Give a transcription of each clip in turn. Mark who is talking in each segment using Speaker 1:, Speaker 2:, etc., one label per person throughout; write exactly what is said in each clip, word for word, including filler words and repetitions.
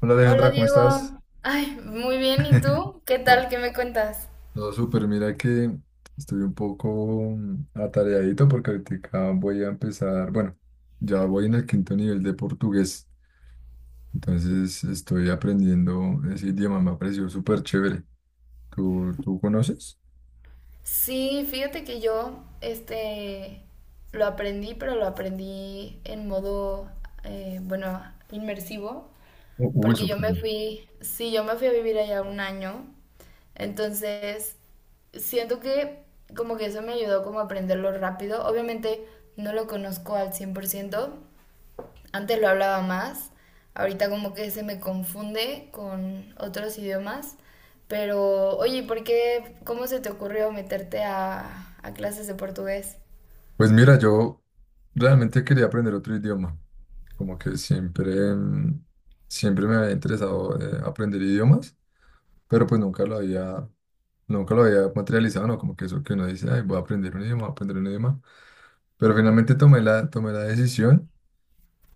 Speaker 1: Hola
Speaker 2: Hola
Speaker 1: Alejandra, ¿cómo estás?
Speaker 2: Diego, ay, muy bien, ¿y tú? ¿Qué tal?
Speaker 1: Todo,
Speaker 2: ¿Qué me cuentas?
Speaker 1: todo súper, mira que estoy un poco mm, atareadito porque ahorita voy a empezar, bueno, ya voy en el quinto nivel de portugués, entonces estoy aprendiendo ese idioma, me ha parecido súper chévere. ¿Tú, tú conoces?
Speaker 2: Sí, fíjate que yo, este, lo aprendí, pero lo aprendí en modo, eh, bueno, inmersivo,
Speaker 1: U- Uy,
Speaker 2: porque yo
Speaker 1: súper
Speaker 2: me
Speaker 1: bien.
Speaker 2: fui, sí, yo me fui a vivir allá un año, entonces siento que como que eso me ayudó como a aprenderlo rápido, obviamente no lo conozco al cien por ciento. Antes lo hablaba más, ahorita como que se me confunde con otros idiomas, pero oye, ¿por qué, cómo se te ocurrió meterte a, a clases de portugués?
Speaker 1: Pues mira, yo realmente quería aprender otro idioma, como que siempre, mm, siempre me había interesado eh, aprender idiomas, pero pues nunca lo había nunca lo había materializado, ¿no? Como que eso que uno dice, ay, voy a aprender un idioma, voy a aprender un idioma. Pero finalmente tomé la, tomé la decisión.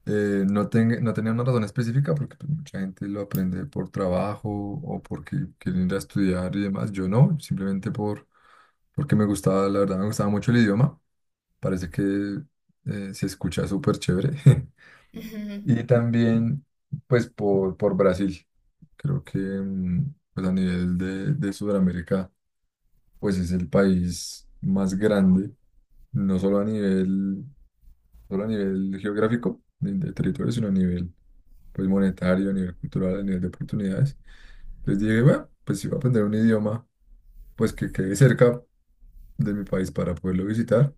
Speaker 1: eh, No, ten- no tenía una razón específica porque pues, mucha gente lo aprende por trabajo o porque quieren ir a estudiar y demás. Yo no, simplemente por, porque me gustaba, la verdad, me gustaba mucho el idioma. Parece que eh, se escucha súper chévere.
Speaker 2: Ujú.
Speaker 1: Y también, pues, por, por Brasil. Creo que mm, pues, a nivel de, de Sudamérica, pues es el país más grande, no solo a nivel, solo a nivel geográfico de, de territorio, sino a nivel pues monetario, a nivel cultural, a nivel de oportunidades. Entonces dije, bueno, pues si voy a aprender un idioma, pues que quede cerca de mi país para poderlo visitar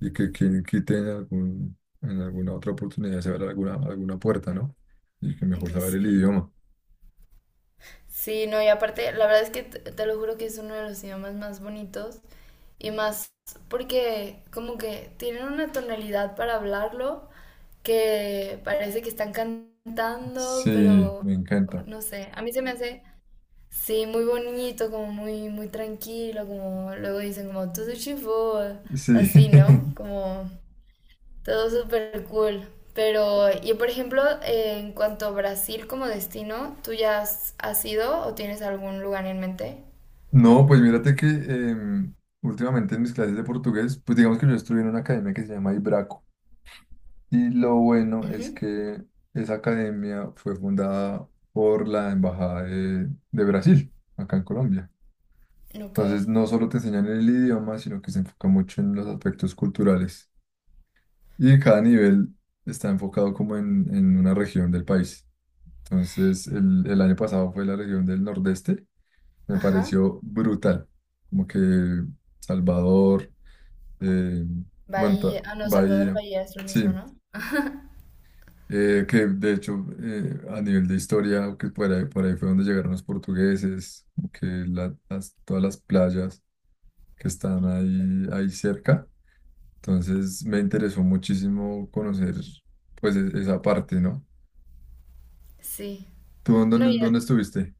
Speaker 1: y que quien quite en algún, en alguna otra oportunidad se abra alguna, alguna puerta, ¿no? Y que mejor saber el
Speaker 2: Sí.
Speaker 1: idioma.
Speaker 2: Sí, no, y aparte, la verdad es que te, te lo juro que es uno de los idiomas más bonitos y más porque como que tienen una tonalidad para hablarlo que parece que están cantando,
Speaker 1: Sí,
Speaker 2: pero
Speaker 1: me encanta.
Speaker 2: no sé, a mí se me hace... Sí, muy bonito, como muy, muy tranquilo, como luego dicen como todo chivo,
Speaker 1: Sí.
Speaker 2: así, ¿no? Como todo súper cool. Pero, y por ejemplo, eh, en cuanto a Brasil como destino, ¿tú ya has, has ido o tienes algún lugar en mente?
Speaker 1: No, pues mírate que em, últimamente en mis clases de portugués, pues digamos que yo estuve en una academia que se llama Ibraco. Y lo bueno es
Speaker 2: Ujú.
Speaker 1: que esa academia fue fundada por la Embajada de, de Brasil, acá en Colombia.
Speaker 2: Ok.
Speaker 1: Entonces no solo te enseñan el idioma, sino que se enfoca mucho en los aspectos culturales. Y cada nivel está enfocado como en, en una región del país. Entonces el, el año pasado fue la región del Nordeste. Me
Speaker 2: Ajá.
Speaker 1: pareció brutal. Como que Salvador. Eh, bueno, ta-
Speaker 2: Bahía. Ah, no, Salvador
Speaker 1: Bahía,
Speaker 2: Bahía es lo
Speaker 1: sí,
Speaker 2: mismo, ¿no?
Speaker 1: eh, que de hecho eh, a nivel de historia, que por ahí, por ahí fue donde llegaron los portugueses, como que la- las- todas las playas que están ahí, ahí cerca. Entonces me interesó muchísimo conocer pues e- esa parte, ¿no?
Speaker 2: Sí.
Speaker 1: ¿Tú en
Speaker 2: No,
Speaker 1: dónde,
Speaker 2: ya-
Speaker 1: dónde estuviste?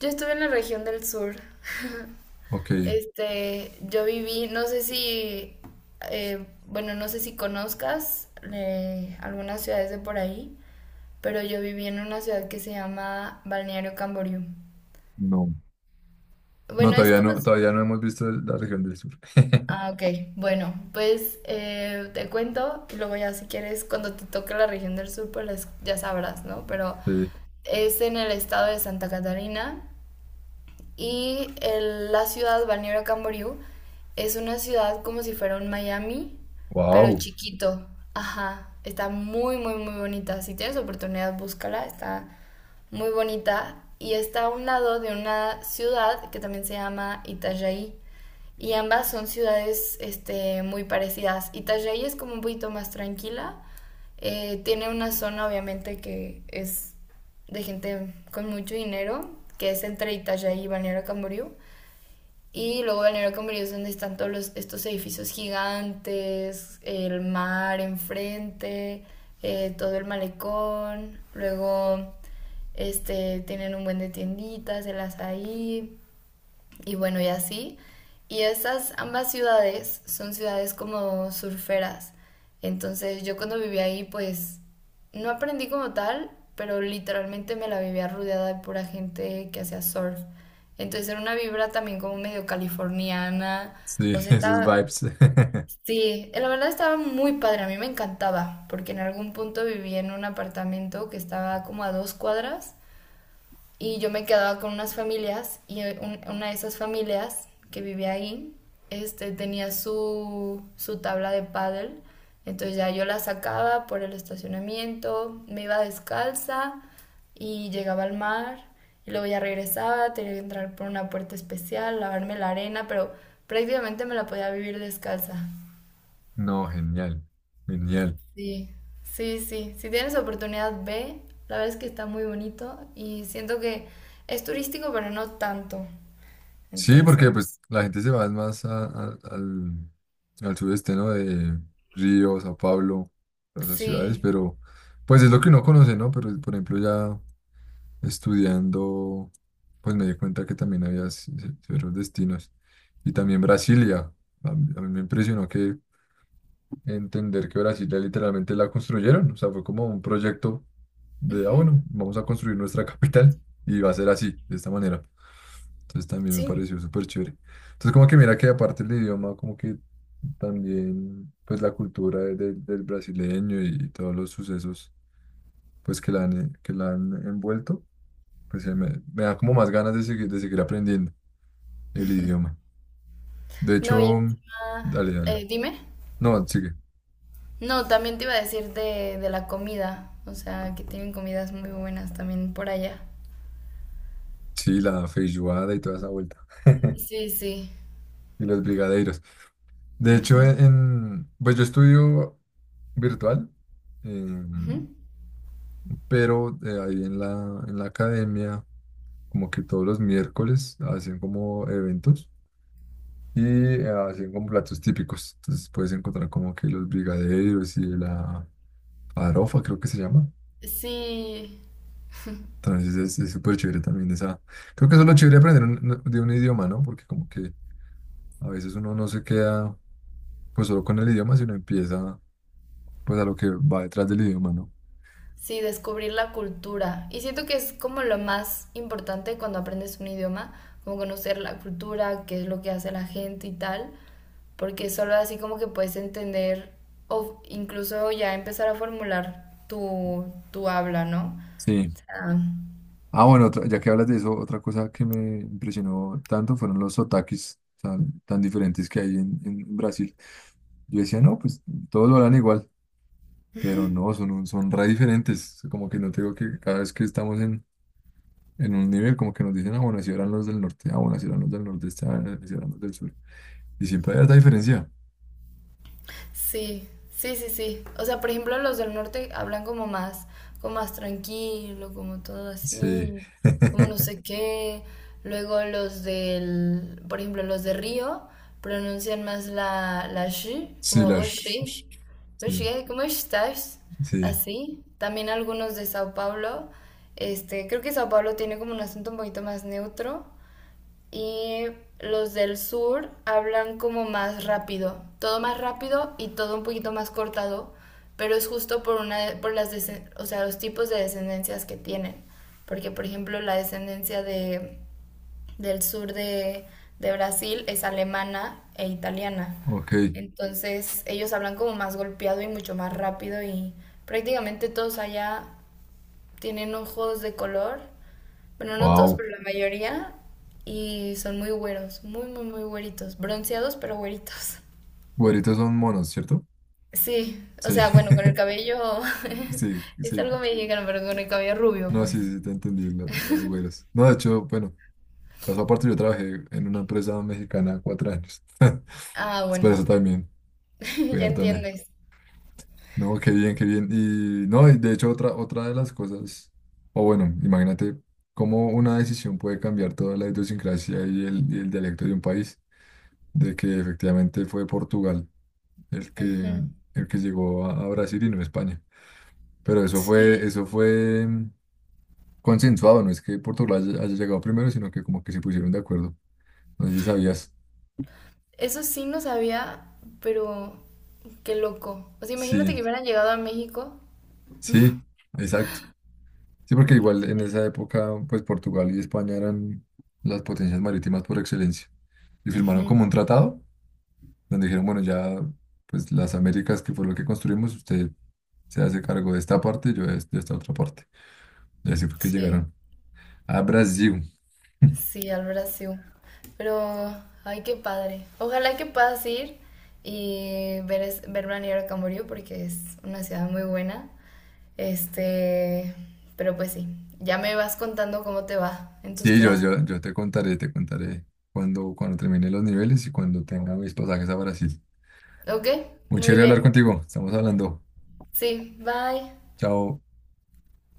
Speaker 2: yo estuve en la región del sur.
Speaker 1: Ok,
Speaker 2: Este, yo viví, no sé si, eh, bueno, no sé si conozcas eh, algunas ciudades de por ahí, pero yo viví en una ciudad que se llama Balneario Camboriú.
Speaker 1: no, no,
Speaker 2: Bueno, es
Speaker 1: todavía
Speaker 2: como...
Speaker 1: no, todavía no hemos visto la región del sur.
Speaker 2: Ah, ok. Bueno, pues eh, te cuento y luego ya si quieres, cuando te toque la región del sur, pues las- ya sabrás, ¿no? Pero
Speaker 1: Sí,
Speaker 2: es en el estado de Santa Catarina. Y el- la ciudad, Balneario Camboriú, es una ciudad como si fuera un Miami, pero
Speaker 1: wow,
Speaker 2: chiquito. Ajá, está muy, muy, muy bonita. Si tienes oportunidad, búscala, está muy bonita. Y está a un lado de una ciudad que también se llama Itajaí. Y ambas son ciudades este, muy parecidas. Itajaí es como un poquito más tranquila. Eh, tiene una zona obviamente que es de gente con mucho dinero, que es entre Itajaí y Balneario Camboriú. Y luego Balneario Camboriú es donde están todos los, estos edificios gigantes, el mar enfrente, eh, todo el malecón. Luego este, tienen un buen de tienditas, el azaí, y bueno, y así. Y esas ambas ciudades son ciudades como surferas. Entonces yo cuando viví ahí pues no aprendí como tal, pero literalmente me la vivía rodeada de pura gente que hacía surf. Entonces era una vibra también como medio californiana.
Speaker 1: sí,
Speaker 2: O sea,
Speaker 1: esos
Speaker 2: estaba...
Speaker 1: vibes.
Speaker 2: Sí, la verdad estaba muy padre, a mí me encantaba, porque en algún punto viví en un apartamento que estaba como a dos cuadras y yo me quedaba con unas familias y eh, un- una de esas familias que vivía ahí este, tenía su, su tabla de pádel. Entonces ya yo la sacaba por el estacionamiento, me iba descalza y llegaba al mar. Y luego ya regresaba, tenía que entrar por una puerta especial, lavarme la arena, pero prácticamente me la podía vivir descalza.
Speaker 1: No, genial, genial.
Speaker 2: Sí, sí, sí. Si tienes oportunidad, ve. La verdad es que está muy bonito y siento que es turístico, pero no tanto.
Speaker 1: Sí, porque pues
Speaker 2: Entonces,
Speaker 1: la gente se va más a- a- al, al sudeste, ¿no? De Río, Sao Paulo, todas esas ciudades,
Speaker 2: sí,
Speaker 1: pero pues es lo que uno conoce, ¿no? Pero por ejemplo ya estudiando, pues me di cuenta que también había ci- ci- otros destinos. Y también Brasilia. A mí, a mí me impresionó que entender que Brasilia literalmente la construyeron, o sea, fue como un proyecto de, ah,
Speaker 2: ujú,
Speaker 1: bueno, vamos a construir nuestra capital y va a ser así, de esta manera. Entonces también me
Speaker 2: sí.
Speaker 1: pareció súper chévere. Entonces como que mira que aparte el idioma, como que también pues la cultura de- de- del brasileño y, y todos los sucesos pues que la han, eh, que la han envuelto, pues eh, me, me da como más ganas de seguir, de seguir aprendiendo el idioma. De hecho,
Speaker 2: No, y encima,
Speaker 1: dale, dale.
Speaker 2: eh, dime.
Speaker 1: No, sigue.
Speaker 2: No, también te iba a decir de, de la comida, o sea, que tienen comidas muy buenas también por allá.
Speaker 1: Sí, la feijoada y toda esa vuelta.
Speaker 2: Sí, sí.
Speaker 1: Y los brigadeiros. De hecho,
Speaker 2: Ujú,
Speaker 1: e-, en, pues yo estudio virtual,
Speaker 2: ujú.
Speaker 1: em, pero eh, ahí en la, en la academia, como que todos los miércoles hacen como eventos y eh, hacen como platos típicos. Entonces puedes encontrar como que los brigadeiros y la farofa, creo que se llama.
Speaker 2: Sí,
Speaker 1: Entonces es es súper chévere también esa. Creo que eso es lo chévere de aprender un- no, de un idioma, ¿no? Porque como que a veces uno no se queda pues solo con el idioma, sino empieza pues a lo que va detrás del idioma, ¿no?
Speaker 2: sí, descubrir la cultura. Y siento que es como lo más importante cuando aprendes un idioma, como conocer la cultura, qué es lo que hace la gente y tal, porque solo así como que puedes entender o incluso ya empezar a formular tu, tu habla, ¿no?
Speaker 1: Sí.
Speaker 2: O sea,
Speaker 1: Ah, bueno, otra- ya que hablas de eso, otra cosa que me impresionó tanto fueron los otakis tan, tan diferentes que hay en, en Brasil. Yo decía, no, pues todos lo harán igual, pero no, son, un- son re diferentes. Como que no tengo que cada vez que estamos en, en un nivel, como que nos dicen, ah, bueno, así eran los del norte, ah, bueno, así eran los del nordeste, ah, así eran los del sur. Y siempre hay esta diferencia.
Speaker 2: sí, sí, sí, sí. O sea, por ejemplo, los del norte hablan como más, como más tranquilo, como todo
Speaker 1: Sí.
Speaker 2: así, como no sé qué. Luego los del, por ejemplo, los de Río pronuncian más la, la sh,
Speaker 1: Sí,
Speaker 2: como vos sí.
Speaker 1: las.
Speaker 2: Vos sí,
Speaker 1: Sí,
Speaker 2: ¿cómo estás?
Speaker 1: sí.
Speaker 2: Así. También algunos de Sao Paulo. Este, creo que Sao Paulo tiene como un acento un poquito más neutro y los del sur hablan como más rápido, todo más rápido y todo un poquito más cortado, pero es justo por una por las o sea, los tipos de descendencias que tienen, porque por ejemplo la descendencia de del sur de de Brasil es alemana e italiana.
Speaker 1: Ok.
Speaker 2: Entonces, ellos hablan como más golpeado y mucho más rápido y prácticamente todos allá tienen ojos de color, bueno, no todos,
Speaker 1: Wow.
Speaker 2: pero la mayoría, y son muy güeros, muy, muy, muy güeritos, bronceados, pero güeritos.
Speaker 1: Güeritos son monos, ¿cierto?
Speaker 2: Sí, o
Speaker 1: Sí.
Speaker 2: sea, bueno, con el cabello,
Speaker 1: Sí,
Speaker 2: es
Speaker 1: sí.
Speaker 2: algo mexicano, pero con el cabello rubio,
Speaker 1: No, sí,
Speaker 2: pues.
Speaker 1: sí, te entendí, la- las güeras. No, de hecho, bueno, caso aparte, yo trabajé en una empresa mexicana cuatro años.
Speaker 2: Ah,
Speaker 1: Es
Speaker 2: bueno,
Speaker 1: por eso también, fui
Speaker 2: ya
Speaker 1: harto a México.
Speaker 2: entiendes.
Speaker 1: No, qué bien, qué bien. Y no, y de hecho, otra, otra de las cosas, o bueno, imagínate cómo una decisión puede cambiar toda la idiosincrasia y el, y el dialecto de un país, de que efectivamente fue Portugal el que,
Speaker 2: Ujú,
Speaker 1: el que llegó a, a Brasil y no España. Pero eso fue,
Speaker 2: sí,
Speaker 1: eso fue mm, consensuado, no es que Portugal haya haya llegado primero, sino que como que se pusieron de acuerdo. No sé si sabías.
Speaker 2: eso sí no sabía, pero qué loco. O sea, imagínate
Speaker 1: Sí,
Speaker 2: que hubieran llegado a México.
Speaker 1: sí, exacto. Sí, porque
Speaker 2: No
Speaker 1: igual en
Speaker 2: sé.
Speaker 1: esa época, pues Portugal y España eran las potencias marítimas por excelencia. Y firmaron
Speaker 2: Ujú,
Speaker 1: como un tratado donde dijeron, bueno, ya, pues las Américas, que fue lo que construimos, usted se hace cargo de esta parte y yo de este, de esta otra parte. Y así fue que
Speaker 2: sí.
Speaker 1: llegaron a Brasil.
Speaker 2: Sí, al Brasil. Pero, ay, qué padre. Ojalá que puedas ir y ver, es- ver planear a Camboriú porque es una ciudad muy buena. Este, pero pues sí, ya me vas contando cómo te va en tus
Speaker 1: Sí, yo,
Speaker 2: clases.
Speaker 1: yo, yo te contaré, te contaré cuando, cuando termine los niveles y cuando tenga mis pasajes a Brasil.
Speaker 2: ¿Ok?
Speaker 1: Muy
Speaker 2: Muy
Speaker 1: chévere hablar
Speaker 2: bien.
Speaker 1: contigo. Estamos hablando.
Speaker 2: Sí, bye.
Speaker 1: Chao.